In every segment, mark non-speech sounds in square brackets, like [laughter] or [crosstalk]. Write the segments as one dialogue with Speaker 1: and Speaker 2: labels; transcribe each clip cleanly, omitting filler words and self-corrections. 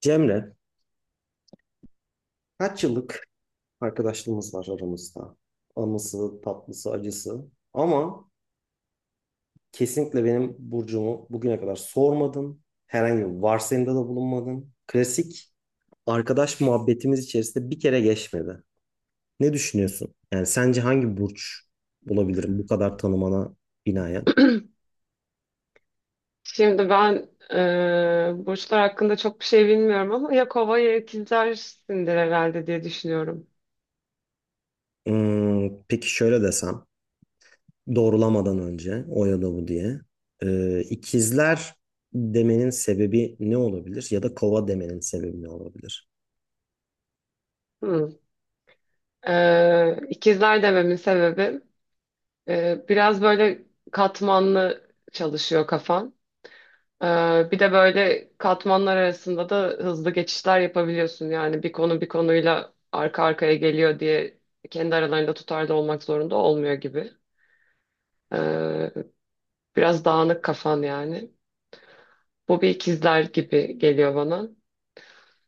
Speaker 1: Cemre, kaç yıllık arkadaşlığımız var aramızda. Anısı, tatlısı, acısı. Ama kesinlikle benim burcumu bugüne kadar sormadın. Herhangi bir varsayımda da bulunmadın. Klasik arkadaş muhabbetimiz içerisinde bir kere geçmedi. Ne düşünüyorsun? Yani sence hangi burç olabilirim bu kadar tanımana binaen?
Speaker 2: [clears throat] Şimdi ben burçlar hakkında çok bir şey bilmiyorum ama ya kova ya ikizlersindir herhalde diye düşünüyorum.
Speaker 1: Hmm, peki şöyle desem, doğrulamadan önce o ya da bu diye. İkizler demenin sebebi ne olabilir? Ya da kova demenin sebebi ne olabilir?
Speaker 2: Hmm. E, ikizler dememin sebebi, biraz böyle katmanlı çalışıyor kafan. E, bir de böyle katmanlar arasında da hızlı geçişler yapabiliyorsun. Yani bir konu bir konuyla arka arkaya geliyor diye kendi aralarında tutarlı olmak zorunda olmuyor gibi. E, biraz dağınık kafan yani. Bu bir ikizler gibi geliyor bana.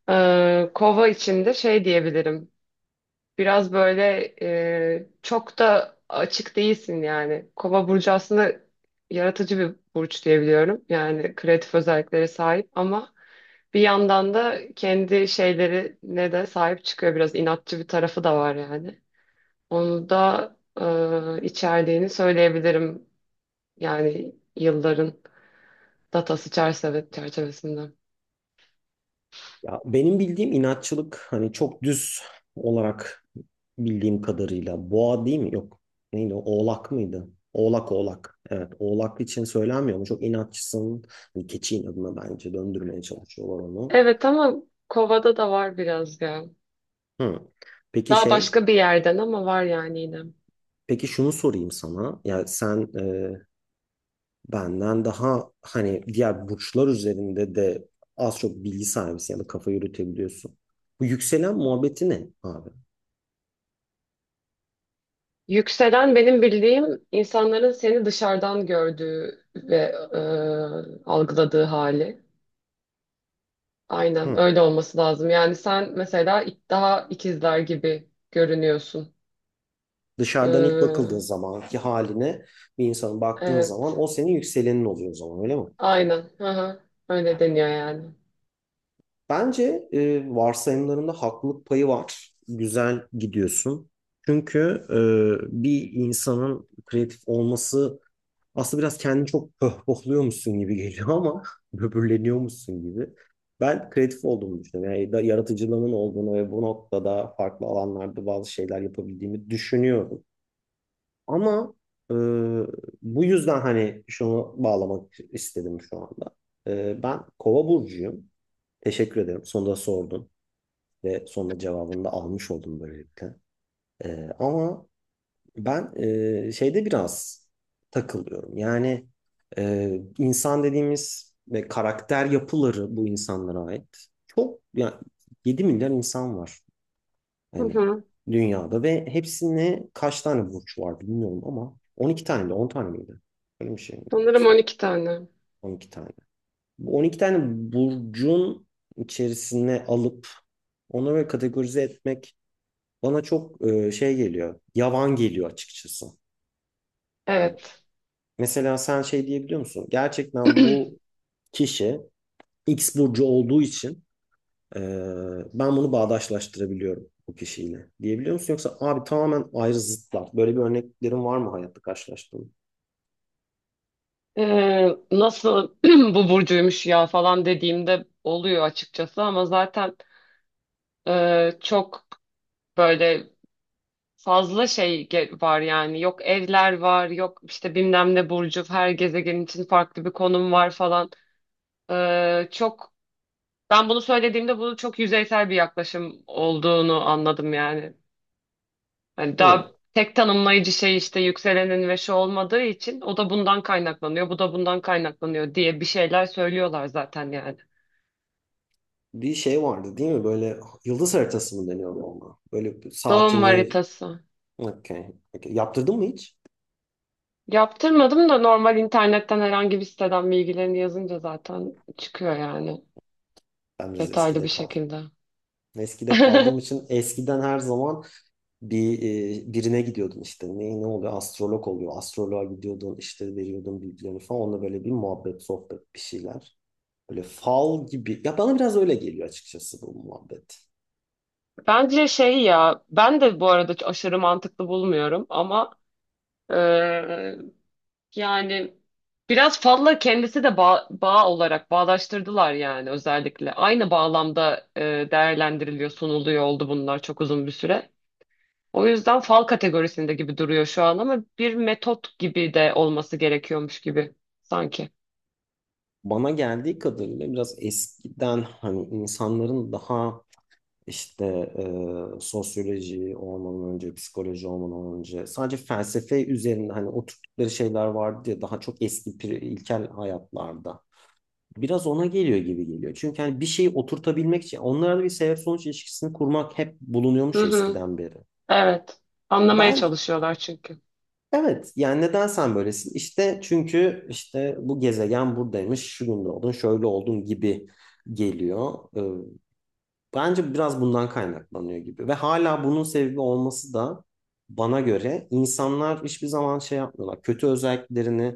Speaker 2: Kova içinde şey diyebilirim. Biraz böyle, çok da açık değilsin yani. Kova burcu aslında yaratıcı bir burç diyebiliyorum. Yani kreatif özelliklere sahip ama bir yandan da kendi şeylerine de sahip çıkıyor. Biraz inatçı bir tarafı da var yani. Onu da içerdiğini söyleyebilirim. Yani yılların datası çerçeve çerçevesinde.
Speaker 1: Ya benim bildiğim inatçılık hani çok düz olarak bildiğim kadarıyla boğa değil mi? Yok. Neydi o? Oğlak mıydı? Oğlak oğlak. Evet oğlak için söylenmiyor mu? Çok inatçısın. Hani keçi inadına bence döndürmeye çalışıyorlar onu.
Speaker 2: Evet ama Kova'da da var biraz ya.
Speaker 1: Hı. Peki
Speaker 2: Daha
Speaker 1: şey
Speaker 2: başka bir yerden ama var yani yine.
Speaker 1: peki şunu sorayım sana. Ya sen benden daha hani diğer burçlar üzerinde de az çok bilgi sahibisin ya da kafa yürütebiliyorsun. Bu yükselen muhabbeti ne abi?
Speaker 2: Yükselen benim bildiğim insanların seni dışarıdan gördüğü ve algıladığı hali. Aynen
Speaker 1: Hı.
Speaker 2: öyle olması lazım. Yani sen mesela daha ikizler gibi görünüyorsun.
Speaker 1: Dışarıdan ilk
Speaker 2: E,
Speaker 1: bakıldığı zamanki haline bir insanın baktığın zaman
Speaker 2: evet.
Speaker 1: o senin yükselenin oluyor o zaman öyle mi?
Speaker 2: Aynen. Hı hı. Öyle deniyor yani.
Speaker 1: Bence varsayımlarında haklılık payı var. Güzel gidiyorsun. Çünkü e, bir insanın kreatif olması aslında biraz kendini çok pohpohluyormuşsun gibi geliyor ama [laughs] böbürleniyormuşsun gibi. Ben kreatif olduğumu düşünüyorum. Yani yaratıcılığımın olduğunu ve bu noktada farklı alanlarda bazı şeyler yapabildiğimi düşünüyorum. Ama e, bu yüzden hani şunu bağlamak istedim şu anda. Ben Kova burcuyum. Teşekkür ederim. Sonunda sordun ve sonunda cevabını da almış oldum böylelikle. Ama ben şeyde biraz takılıyorum. Yani insan dediğimiz ve karakter yapıları bu insanlara ait. Çok yani 7 milyar insan var.
Speaker 2: Hı
Speaker 1: Hani
Speaker 2: hı.
Speaker 1: dünyada ve hepsine kaç tane burç var bilmiyorum ama 12 tane de 10 tane miydi? Öyle bir şey mi
Speaker 2: Sanırım
Speaker 1: yoksa?
Speaker 2: 12 tane.
Speaker 1: On iki tane. Bu 12 tane burcun içerisine alıp onu böyle kategorize etmek bana çok geliyor. Yavan geliyor açıkçası. Yani
Speaker 2: Evet.
Speaker 1: mesela sen şey diyebiliyor musun? Gerçekten
Speaker 2: [clears throat]
Speaker 1: bu kişi X burcu olduğu için Ee, ben bunu bağdaşlaştırabiliyorum bu kişiyle diyebiliyor musun? Yoksa abi tamamen ayrı zıtlar. Böyle bir örneklerin var mı hayatta karşılaştığın?
Speaker 2: Nasıl [clears throat] bu burcuymuş ya falan dediğimde oluyor açıkçası ama zaten, çok böyle fazla var yani. Yok evler var, yok işte bilmem ne burcu, her gezegen için farklı bir konum var falan. Çok Ben bunu söylediğimde bunu çok yüzeysel bir yaklaşım olduğunu anladım yani. Hani daha
Speaker 1: Hı.
Speaker 2: tek tanımlayıcı şey işte yükselenin ve şu olmadığı için o da bundan kaynaklanıyor, bu da bundan kaynaklanıyor diye bir şeyler söylüyorlar zaten yani.
Speaker 1: Bir şey vardı değil mi? Böyle yıldız haritası mı deniyor ona? Böyle
Speaker 2: Doğum
Speaker 1: saatini.
Speaker 2: haritası.
Speaker 1: Okay. Okay. Yaptırdın mı hiç?
Speaker 2: Yaptırmadım da normal internetten herhangi bir siteden bilgilerini yazınca zaten çıkıyor yani,
Speaker 1: Ben biraz
Speaker 2: detaylı
Speaker 1: eskide
Speaker 2: bir
Speaker 1: kaldım.
Speaker 2: şekilde.
Speaker 1: Eskide kaldığım
Speaker 2: [laughs]
Speaker 1: için eskiden her zaman bir birine gidiyordun işte. Ne oluyor? Astrolog oluyor. Astroloğa gidiyordun işte veriyordun bilgilerini falan. Onunla böyle bir muhabbet, sohbet bir şeyler. Böyle fal gibi. Ya bana biraz öyle geliyor açıkçası bu muhabbet.
Speaker 2: Bence şey, ya ben de bu arada aşırı mantıklı bulmuyorum ama eee, yani biraz fazla kendisi de bağ olarak bağdaştırdılar yani, özellikle. Aynı bağlamda değerlendiriliyor, sunuluyor oldu bunlar çok uzun bir süre. O yüzden fal kategorisinde gibi duruyor şu an ama bir metot gibi de olması gerekiyormuş gibi sanki.
Speaker 1: Bana geldiği kadarıyla biraz eskiden hani insanların daha işte sosyoloji olmadan önce, psikoloji olmadan önce sadece felsefe üzerinde hani oturttukları şeyler vardı ya daha çok eski ilkel hayatlarda. Biraz ona geliyor gibi geliyor. Çünkü hani bir şeyi oturtabilmek için onlarda bir sebep sonuç ilişkisini kurmak hep
Speaker 2: Hı
Speaker 1: bulunuyormuş
Speaker 2: hı.
Speaker 1: eskiden beri.
Speaker 2: Evet. Anlamaya
Speaker 1: Ben
Speaker 2: çalışıyorlar çünkü.
Speaker 1: Evet yani neden sen böylesin? İşte çünkü işte bu gezegen buradaymış, şu gün doğdun, şöyle oldun gibi geliyor. Bence biraz bundan kaynaklanıyor gibi ve hala bunun sebebi olması da bana göre insanlar hiçbir zaman şey yapmıyorlar. Kötü özelliklerini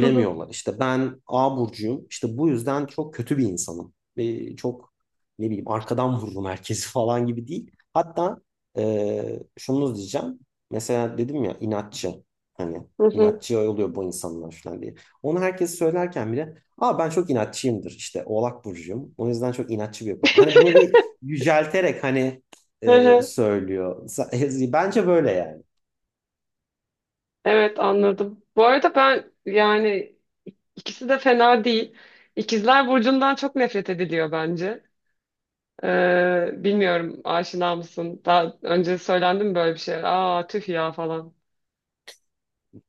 Speaker 2: Hı hı.
Speaker 1: İşte ben A burcuyum. İşte bu yüzden çok kötü bir insanım. Ve çok ne bileyim arkadan vururum herkesi [laughs] falan gibi değil. Hatta şunu diyeceğim. Mesela dedim ya inatçı. Hani
Speaker 2: Hı hı.
Speaker 1: inatçı oluyor bu insanlar falan diye. Onu herkes söylerken bile ama ben çok inatçıyımdır işte Oğlak burcuyum. O yüzden çok inatçı bir yapım. Hani bunu bir yücelterek hani
Speaker 2: Hı hı.
Speaker 1: söylüyor. [laughs] Bence böyle yani.
Speaker 2: Evet, anladım. Bu arada ben yani ikisi de fena değil. İkizler Burcu'ndan çok nefret ediliyor bence. Bilmiyorum, aşina mısın? Daha önce söylendi mi böyle bir şey? Aa, tüh ya falan.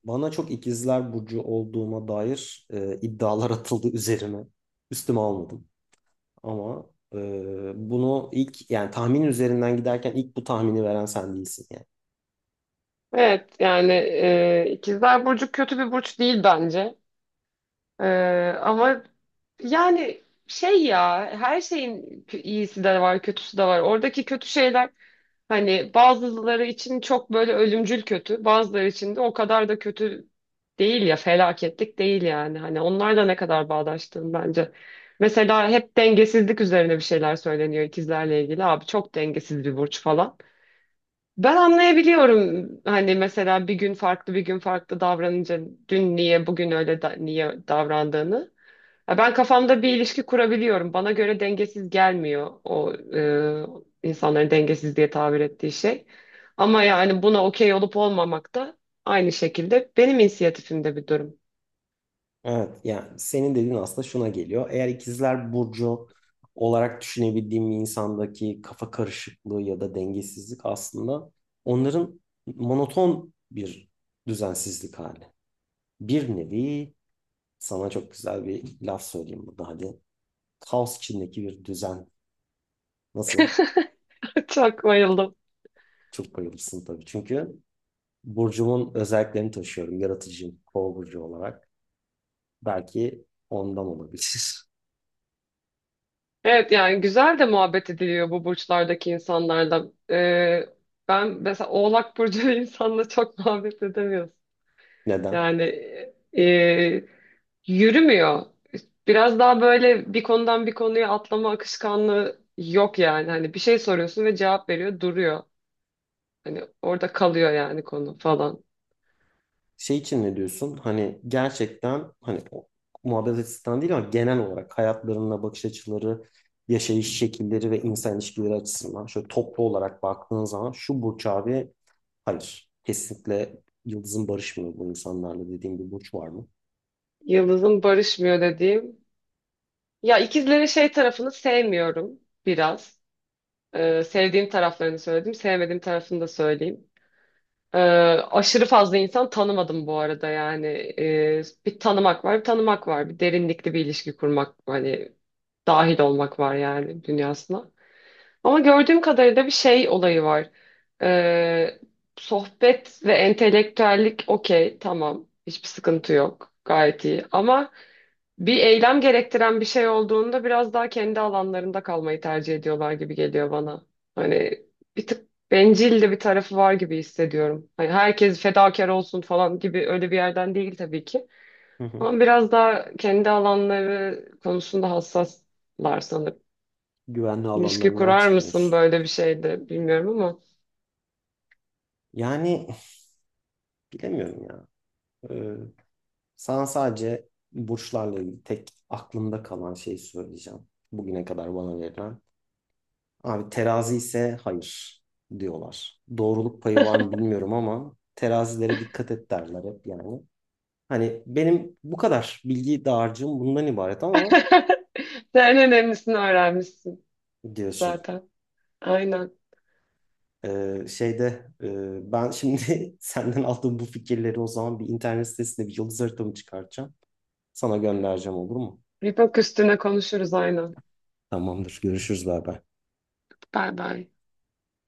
Speaker 1: Bana çok ikizler burcu olduğuma dair iddialar atıldı üzerime. Üstüme almadım. Ama bunu ilk yani tahmin üzerinden giderken ilk bu tahmini veren sen değilsin yani.
Speaker 2: Evet yani, İkizler Burcu kötü bir burç değil bence. Ee, ama yani şey ya, her şeyin iyisi de var, kötüsü de var. Oradaki kötü şeyler hani bazıları için çok böyle ölümcül kötü, bazıları için de o kadar da kötü değil ya, felaketlik değil yani. Hani onlarla ne kadar bağdaştığım bence. Mesela hep dengesizlik üzerine bir şeyler söyleniyor ikizlerle ilgili. Abi çok dengesiz bir burç falan. Ben anlayabiliyorum hani, mesela bir gün farklı bir gün farklı davranınca, dün niye bugün öyle niye davrandığını. Ya ben kafamda bir ilişki kurabiliyorum. Bana göre dengesiz gelmiyor o insanların dengesiz diye tabir ettiği şey. Ama yani buna okey olup olmamak da aynı şekilde benim inisiyatifimde bir durum.
Speaker 1: Evet yani senin dediğin aslında şuna geliyor. Eğer ikizler burcu olarak düşünebildiğim bir insandaki kafa karışıklığı ya da dengesizlik aslında onların monoton bir düzensizlik hali. Bir nevi sana çok güzel bir laf söyleyeyim burada hadi. Kaos içindeki bir düzen. Nasıl?
Speaker 2: [laughs] Çok bayıldım.
Speaker 1: Çok bayılırsın tabii. Çünkü burcumun özelliklerini taşıyorum. Yaratıcıyım. Kova burcu olarak. Belki ondan olabilir.
Speaker 2: Evet yani güzel de muhabbet ediliyor bu burçlardaki insanlarla. E, Ben mesela Oğlak Burcu [laughs] insanla çok muhabbet edemiyorum.
Speaker 1: [laughs] Neden?
Speaker 2: Yani e, yürümüyor. Biraz daha böyle bir konudan bir konuya atlama akışkanlığı yok yani. Hani bir şey soruyorsun ve cevap veriyor, duruyor. Hani orada kalıyor yani konu falan.
Speaker 1: Şey için ne diyorsun? Hani gerçekten hani o muhabbet açısından değil ama genel olarak hayatlarına bakış açıları, yaşayış şekilleri ve insan ilişkileri açısından şöyle toplu olarak baktığın zaman şu Burç abi hayır. Kesinlikle yıldızın barışmıyor bu insanlarla dediğim bir Burç var mı?
Speaker 2: Yıldız'ın barışmıyor dediğim. Ya ikizlerin şey tarafını sevmiyorum biraz. Sevdiğim taraflarını söyledim, sevmediğim tarafını da söyleyeyim. Ee, Aşırı fazla insan tanımadım bu arada yani. Bir tanımak var, bir tanımak var. Bir derinlikli bir ilişki kurmak, hani dahil olmak var yani dünyasına. Ama gördüğüm kadarıyla bir şey olayı var. Ee, Sohbet ve entelektüellik okey, tamam. Hiçbir sıkıntı yok. Gayet iyi. Ama bir eylem gerektiren bir şey olduğunda biraz daha kendi alanlarında kalmayı tercih ediyorlar gibi geliyor bana. Hani bir tık bencil de bir tarafı var gibi hissediyorum. Hani herkes fedakar olsun falan gibi öyle bir yerden değil tabii ki.
Speaker 1: Hı hı.
Speaker 2: Ama biraz daha kendi alanları konusunda hassaslar sanırım.
Speaker 1: Güvenli
Speaker 2: İlişki
Speaker 1: alanlarından
Speaker 2: kurar mısın
Speaker 1: çıkmıyorsun.
Speaker 2: böyle bir şeyde bilmiyorum ama.
Speaker 1: Yani bilemiyorum ya. Ee, Sana sadece burçlarla ilgili tek aklımda kalan şeyi söyleyeceğim. Bugüne kadar bana verilen. Abi terazi ise hayır diyorlar. Doğruluk payı var mı
Speaker 2: [laughs]
Speaker 1: bilmiyorum ama terazilere dikkat et derler hep yani. Hani benim bu kadar bilgi dağarcığım bundan ibaret ama
Speaker 2: Sen en önemlisini öğrenmişsin
Speaker 1: diyorsun.
Speaker 2: zaten. Aynen.
Speaker 1: Ben şimdi [laughs] senden aldığım bu fikirleri o zaman bir internet sitesinde bir yıldız haritamı çıkartacağım. Sana göndereceğim olur mu?
Speaker 2: Bir bak, üstüne konuşuruz aynen.
Speaker 1: Tamamdır. Görüşürüz beraber.
Speaker 2: Bay bay.